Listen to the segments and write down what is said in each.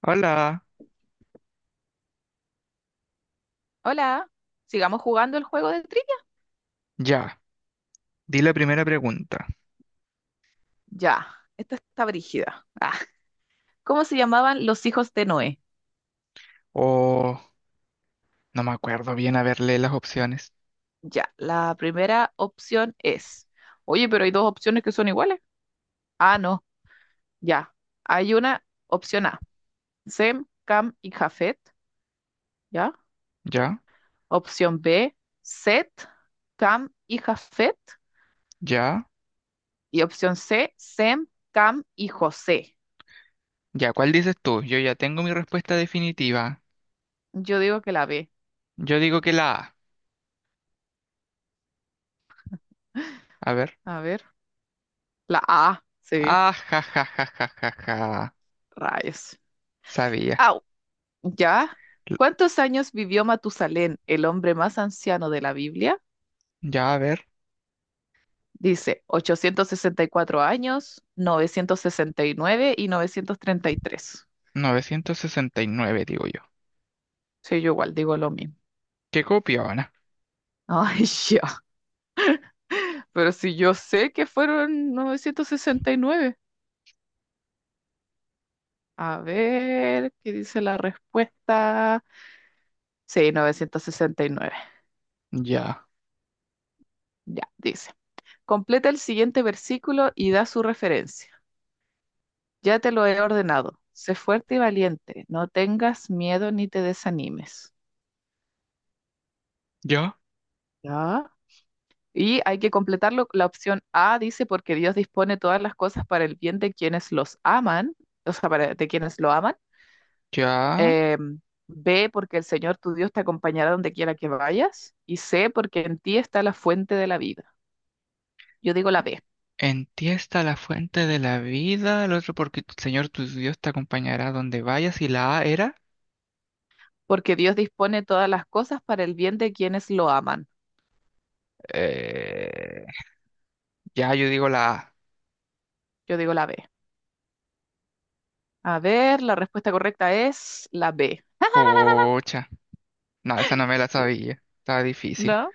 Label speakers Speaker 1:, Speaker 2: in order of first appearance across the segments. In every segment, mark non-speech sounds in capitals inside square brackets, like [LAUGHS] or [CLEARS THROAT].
Speaker 1: Hola,
Speaker 2: Hola, sigamos jugando el juego de trivia.
Speaker 1: ya, di la primera pregunta.
Speaker 2: Ya, esta está brígida. Ah, ¿cómo se llamaban los hijos de Noé?
Speaker 1: O no me acuerdo bien haberle las opciones.
Speaker 2: Ya, la primera opción es. Oye, pero hay dos opciones que son iguales. Ah, no, ya. Hay una opción A, Sem, Cam y Jafet. Ya.
Speaker 1: Ya,
Speaker 2: Opción B, Set, Cam y Jafet.
Speaker 1: ya,
Speaker 2: Y opción C, Sem, Cam y José.
Speaker 1: ya, ¿cuál dices tú? Yo ya tengo mi respuesta definitiva.
Speaker 2: Yo digo que la B.
Speaker 1: Yo digo que la A. A ver.
Speaker 2: A ver, la A, sí,
Speaker 1: Ah, ja, ja, ja, ja, ja, ja.
Speaker 2: rayos.
Speaker 1: Sabía.
Speaker 2: Ah, ¿Ya?
Speaker 1: L-
Speaker 2: ¿Cuántos años vivió Matusalén, el hombre más anciano de la Biblia?
Speaker 1: Ya, a ver.
Speaker 2: Dice 864 años, novecientos sesenta y 933.
Speaker 1: 969 digo yo.
Speaker 2: Sí, yo igual digo lo mismo.
Speaker 1: ¿Qué copiona?
Speaker 2: Ay, [LAUGHS] ya. Pero si yo sé que fueron 969. A ver, ¿qué dice la respuesta? Sí, 969.
Speaker 1: Ya,
Speaker 2: Ya, dice. Completa el siguiente versículo y da su referencia. Ya te lo he ordenado. Sé fuerte y valiente. No tengas miedo ni te desanimes.
Speaker 1: ya,
Speaker 2: ¿Ya? Y hay que completarlo. La opción A dice, porque Dios dispone todas las cosas para el bien de quienes los aman, o sea, de quienes lo aman.
Speaker 1: ya.
Speaker 2: Eh, B, porque el Señor tu Dios te acompañará donde quiera que vayas. Y C, porque en ti está la fuente de la vida. Yo digo la B,
Speaker 1: En ti está la fuente de la vida, el otro porque tu Señor tu Dios te acompañará donde vayas y la A era...
Speaker 2: porque Dios dispone todas las cosas para el bien de quienes lo aman.
Speaker 1: Eh, Ya, yo digo la A.
Speaker 2: Yo digo la B. A ver, la respuesta correcta es la B.
Speaker 1: Pucha. No, esa no me la
Speaker 2: Sí.
Speaker 1: sabía. Estaba difícil.
Speaker 2: ¿No?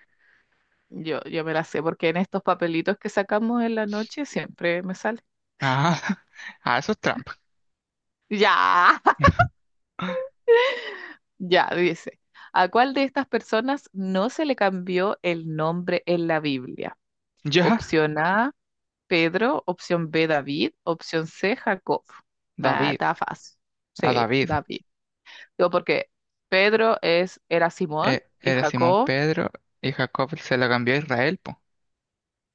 Speaker 2: Yo me la sé porque en estos papelitos que sacamos en la noche siempre me sale.
Speaker 1: Ah, [LAUGHS] ah, eso es trampa.
Speaker 2: Ya, [LAUGHS]
Speaker 1: [LAUGHS]
Speaker 2: ya, dice. ¿A cuál de estas personas no se le cambió el nombre en la Biblia?
Speaker 1: Ya,
Speaker 2: Opción A, Pedro. Opción B, David. Opción C, Jacob. Ah,
Speaker 1: David.
Speaker 2: está fácil.
Speaker 1: A
Speaker 2: Sí,
Speaker 1: David.
Speaker 2: David. Yo porque Pedro era Simón y
Speaker 1: Era Simón
Speaker 2: Jacob,
Speaker 1: Pedro y Jacob se la cambió a Israel, po.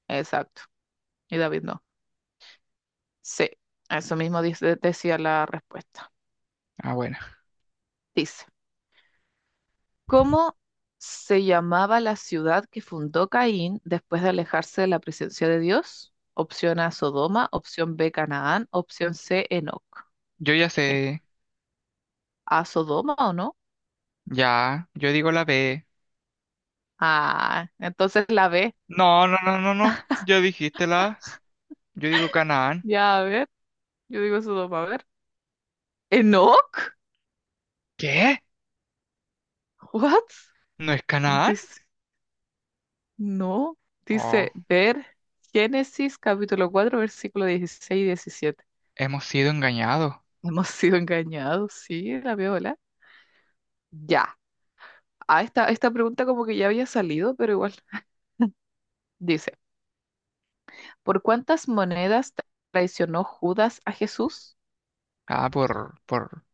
Speaker 2: exacto. Y David no. Sí, eso mismo decía la respuesta.
Speaker 1: Ah, bueno.
Speaker 2: Dice. ¿Cómo se llamaba la ciudad que fundó Caín después de alejarse de la presencia de Dios? Opción A, Sodoma, opción B, Canaán, opción C, Enoc.
Speaker 1: Yo ya
Speaker 2: ¿Qué?
Speaker 1: sé.
Speaker 2: ¿A Sodoma o no?
Speaker 1: Ya, yo digo la B.
Speaker 2: Ah, entonces la B.
Speaker 1: No, no, no, no, no. Ya dijiste la A. Yo digo Canaán.
Speaker 2: Ya, a ver, yo digo Sodoma, a ver. ¿Enoc?
Speaker 1: ¿Qué?
Speaker 2: ¿What?
Speaker 1: ¿No es Canaán?
Speaker 2: Dice, no,
Speaker 1: Oh,
Speaker 2: dice ver Génesis capítulo 4 versículo 16 y 17.
Speaker 1: hemos sido engañados.
Speaker 2: Hemos sido engañados, sí, la viola. Ya. Ah, esta pregunta como que ya había salido, pero igual. Dice, ¿por cuántas monedas traicionó Judas a Jesús?
Speaker 1: Ah, por, por,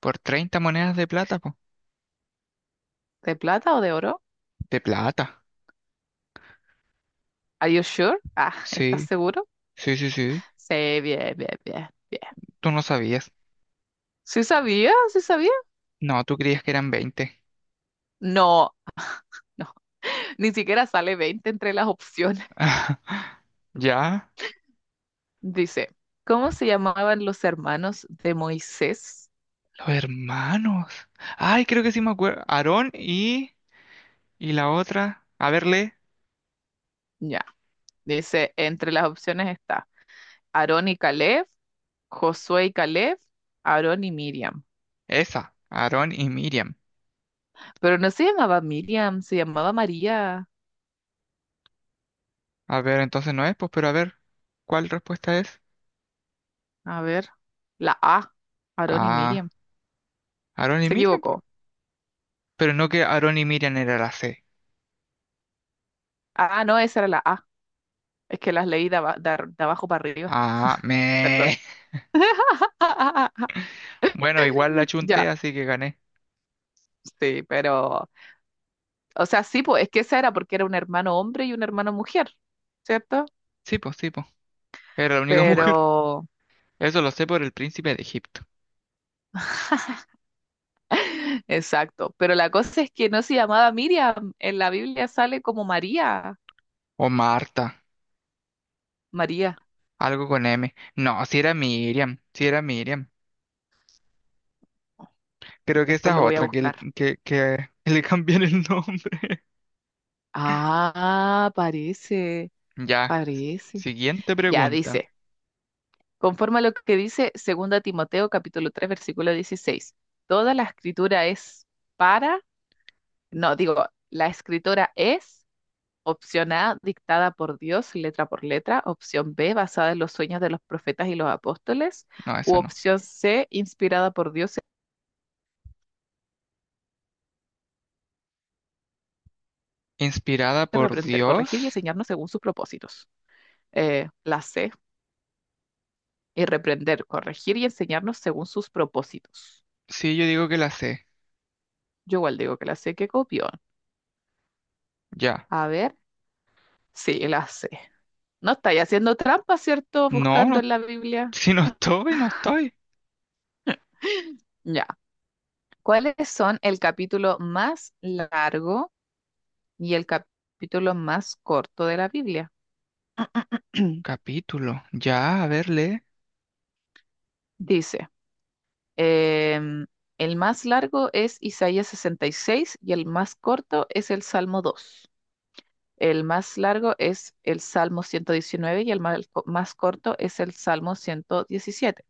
Speaker 1: por 30 monedas de plata, po.
Speaker 2: ¿De plata o de oro?
Speaker 1: De plata.
Speaker 2: ¿Are you sure? Ah, [LAUGHS] ¿estás
Speaker 1: Sí.
Speaker 2: seguro?
Speaker 1: Sí, sí, sí,
Speaker 2: Sí, bien, bien, bien, bien.
Speaker 1: tú no sabías.
Speaker 2: ¿Sí sabía? ¿Sí sabía?
Speaker 1: No, tú creías que eran 20.
Speaker 2: No, no. [LAUGHS] Ni siquiera sale 20 entre las opciones.
Speaker 1: [LAUGHS] ¿Ya?
Speaker 2: Dice, ¿cómo se llamaban los hermanos de Moisés?
Speaker 1: Los hermanos. Ay, creo que sí me acuerdo. Aarón y la otra. A verle.
Speaker 2: Ya. Dice, entre las opciones está Aarón y Caleb, Josué y Caleb, Aarón y Miriam.
Speaker 1: Esa. Aarón y Miriam.
Speaker 2: Pero no se llamaba Miriam, se llamaba María.
Speaker 1: A ver, entonces no es, pues, pero a ver, ¿cuál respuesta es?
Speaker 2: A ver, la A, Aarón y
Speaker 1: Ah,
Speaker 2: Miriam.
Speaker 1: Aarón y
Speaker 2: Se
Speaker 1: Miriam. Po.
Speaker 2: equivocó.
Speaker 1: Pero no que Aarón y Miriam era la C.
Speaker 2: Ah, no, esa era la A. Es que las leí de abajo para arriba.
Speaker 1: Ah,
Speaker 2: Perdón.
Speaker 1: me. [LAUGHS]
Speaker 2: [LAUGHS]
Speaker 1: Bueno, igual la chunté,
Speaker 2: Ya,
Speaker 1: así que gané.
Speaker 2: sí, pero, o sea, sí, pues es que esa era porque era un hermano hombre y un hermano mujer, ¿cierto?
Speaker 1: Sí, pues, sí, pues. Era la única [LAUGHS] mujer.
Speaker 2: Pero,
Speaker 1: Eso lo sé por el príncipe de Egipto.
Speaker 2: [LAUGHS] exacto, pero la cosa es que no se llamaba Miriam, en la Biblia sale como María.
Speaker 1: O Marta.
Speaker 2: María,
Speaker 1: Algo con M. No, si era Miriam, si era Miriam. Creo que esta
Speaker 2: después
Speaker 1: es
Speaker 2: lo voy a
Speaker 1: otra, que, el-
Speaker 2: buscar.
Speaker 1: que, que [LAUGHS] le cambian el nombre.
Speaker 2: Ah, parece,
Speaker 1: [LAUGHS] Ya,
Speaker 2: parece.
Speaker 1: siguiente
Speaker 2: Ya
Speaker 1: pregunta.
Speaker 2: dice, conforme a lo que dice Segunda Timoteo capítulo 3 versículo 16. Toda la escritura es para, no, digo, la escritura es opción A, dictada por Dios letra por letra, opción B, basada en los sueños de los profetas y los apóstoles,
Speaker 1: No,
Speaker 2: u
Speaker 1: esa no.
Speaker 2: opción C, inspirada por Dios,
Speaker 1: ¿Inspirada
Speaker 2: de
Speaker 1: por
Speaker 2: reprender,
Speaker 1: Dios?
Speaker 2: corregir y enseñarnos según sus propósitos. La C, y reprender, corregir y enseñarnos según sus propósitos.
Speaker 1: Sí, yo digo que la sé.
Speaker 2: Yo igual digo que la C, que copió.
Speaker 1: Ya.
Speaker 2: A ver, sí, la sé. No estáis haciendo trampa, ¿cierto?
Speaker 1: No,
Speaker 2: Buscando
Speaker 1: no,
Speaker 2: en la
Speaker 1: [LAUGHS]
Speaker 2: Biblia.
Speaker 1: si no estoy, no estoy.
Speaker 2: Ya. ¿Cuáles son el capítulo más largo y el capítulo más corto de la Biblia? [CLEARS THROAT]
Speaker 1: Capítulo. Ya, a ver, lee.
Speaker 2: Dice, em, el más largo es Isaías 66 y el más corto es el Salmo 2. El más largo es el Salmo 119 y el corto es el Salmo 117.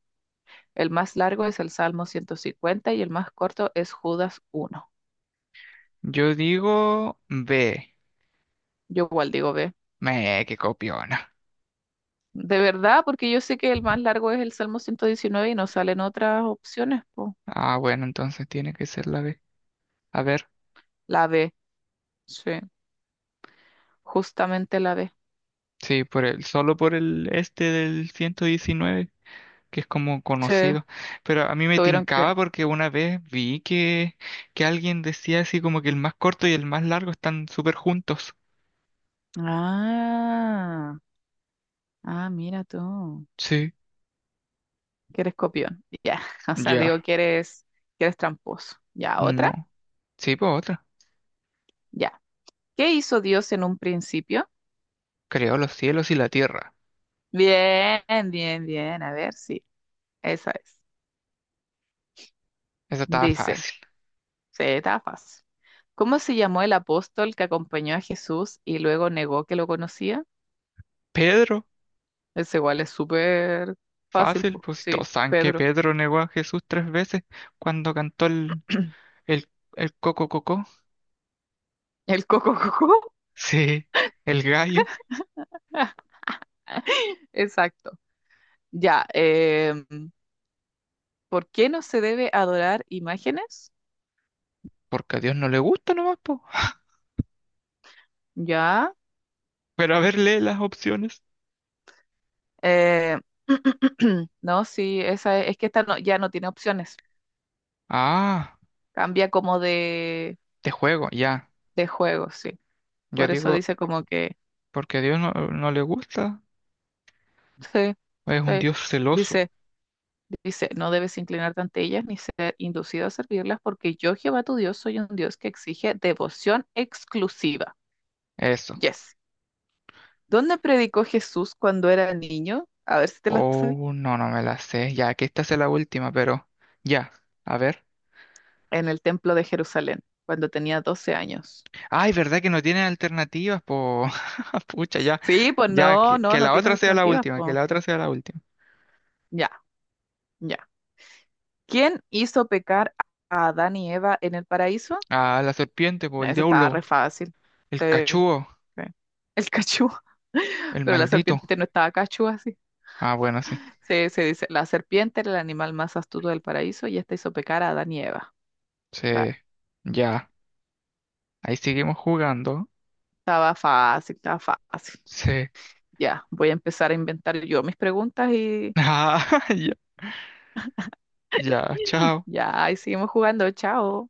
Speaker 2: El más largo es el Salmo 150 y el más corto es Judas uno.
Speaker 1: Yo digo B.
Speaker 2: Yo igual digo B.
Speaker 1: Me, que copiona.
Speaker 2: De verdad, porque yo sé que el más largo es el Salmo 119 y no salen otras opciones, po.
Speaker 1: Ah, bueno, entonces tiene que ser la B. A ver,
Speaker 2: La B, sí, justamente la B.
Speaker 1: sí, solo por el este del 119, que es como
Speaker 2: Sí,
Speaker 1: conocido, pero a mí me
Speaker 2: tuvieron
Speaker 1: tincaba
Speaker 2: que.
Speaker 1: porque una vez vi que alguien decía así como que el más corto y el más largo están súper juntos.
Speaker 2: Ah, ah, mira tú,
Speaker 1: Sí,
Speaker 2: que eres copión. Ya, [LAUGHS] o sea, digo
Speaker 1: ya,
Speaker 2: que eres tramposo. Ya, otra,
Speaker 1: no. Sí, pues otra.
Speaker 2: ya. ¿Qué hizo Dios en un principio?
Speaker 1: Creó los cielos y la tierra.
Speaker 2: Bien, bien, bien. A ver, sí, esa es.
Speaker 1: Eso estaba
Speaker 2: Dice.
Speaker 1: fácil.
Speaker 2: Sí, estaba fácil. ¿Cómo se llamó el apóstol que acompañó a Jesús y luego negó que lo conocía?
Speaker 1: Pedro,
Speaker 2: Ese igual es súper fácil,
Speaker 1: fácil,
Speaker 2: pues.
Speaker 1: pues si todos
Speaker 2: Sí,
Speaker 1: saben que
Speaker 2: Pedro.
Speaker 1: Pedro negó a Jesús 3 veces cuando cantó
Speaker 2: [CLEARS THROAT]
Speaker 1: el, el coco coco. [LAUGHS]
Speaker 2: El coco coco.
Speaker 1: Sí, el gallo,
Speaker 2: [LAUGHS] Exacto. Ya. ¿Por qué no se debe adorar imágenes?
Speaker 1: porque a Dios no le gusta nomás, po.
Speaker 2: Ya.
Speaker 1: Pero a ver, lee las opciones.
Speaker 2: eh, [CLEARS THROAT] no, sí, esa es que esta ya no tiene opciones.
Speaker 1: Ah,
Speaker 2: Cambia como de,
Speaker 1: de juego, ya.
Speaker 2: de juego, sí.
Speaker 1: Yo
Speaker 2: Por eso
Speaker 1: digo
Speaker 2: dice como que.
Speaker 1: porque a Dios no le gusta.
Speaker 2: Sí,
Speaker 1: Es un
Speaker 2: sí.
Speaker 1: Dios celoso.
Speaker 2: Dice. Dice, no debes inclinarte ante ellas ni ser inducido a servirlas, porque yo, Jehová tu Dios, soy un Dios que exige devoción exclusiva.
Speaker 1: Eso.
Speaker 2: Yes. ¿Dónde predicó Jesús cuando era niño? A ver si te la sabes.
Speaker 1: Oh, no, no me la sé. Ya, que esta es la última, pero ya. A ver.
Speaker 2: En el templo de Jerusalén, cuando tenía 12 años.
Speaker 1: Ay, ¿verdad que no tiene alternativas? Po... [LAUGHS] Pucha, ya.
Speaker 2: Sí, pues
Speaker 1: Ya,
Speaker 2: no,
Speaker 1: que,
Speaker 2: no,
Speaker 1: que
Speaker 2: no
Speaker 1: la
Speaker 2: tiene
Speaker 1: otra sea la
Speaker 2: alternativa.
Speaker 1: última, que
Speaker 2: Pues.
Speaker 1: la otra sea la última.
Speaker 2: Ya, ya. ¿Quién hizo pecar a Adán y Eva en el paraíso?
Speaker 1: Ah, la serpiente, po,
Speaker 2: No,
Speaker 1: el
Speaker 2: eso estaba
Speaker 1: diablo,
Speaker 2: re fácil.
Speaker 1: el
Speaker 2: Sí,
Speaker 1: cachudo,
Speaker 2: sí. El cachú. [LAUGHS]
Speaker 1: el
Speaker 2: Pero la
Speaker 1: maldito.
Speaker 2: serpiente no estaba cachú así.
Speaker 1: Ah, bueno, sí.
Speaker 2: Se dice, la serpiente era el animal más astuto del paraíso y esta hizo pecar a Adán y Eva. Ah,
Speaker 1: Sí. Ya. Ahí seguimos jugando.
Speaker 2: estaba fácil, estaba fácil.
Speaker 1: Sí. [LAUGHS]
Speaker 2: Ya, voy a empezar a inventar yo mis preguntas y
Speaker 1: Ah, ya. Ya,
Speaker 2: [LAUGHS]
Speaker 1: chao.
Speaker 2: ya, y seguimos jugando. Chao.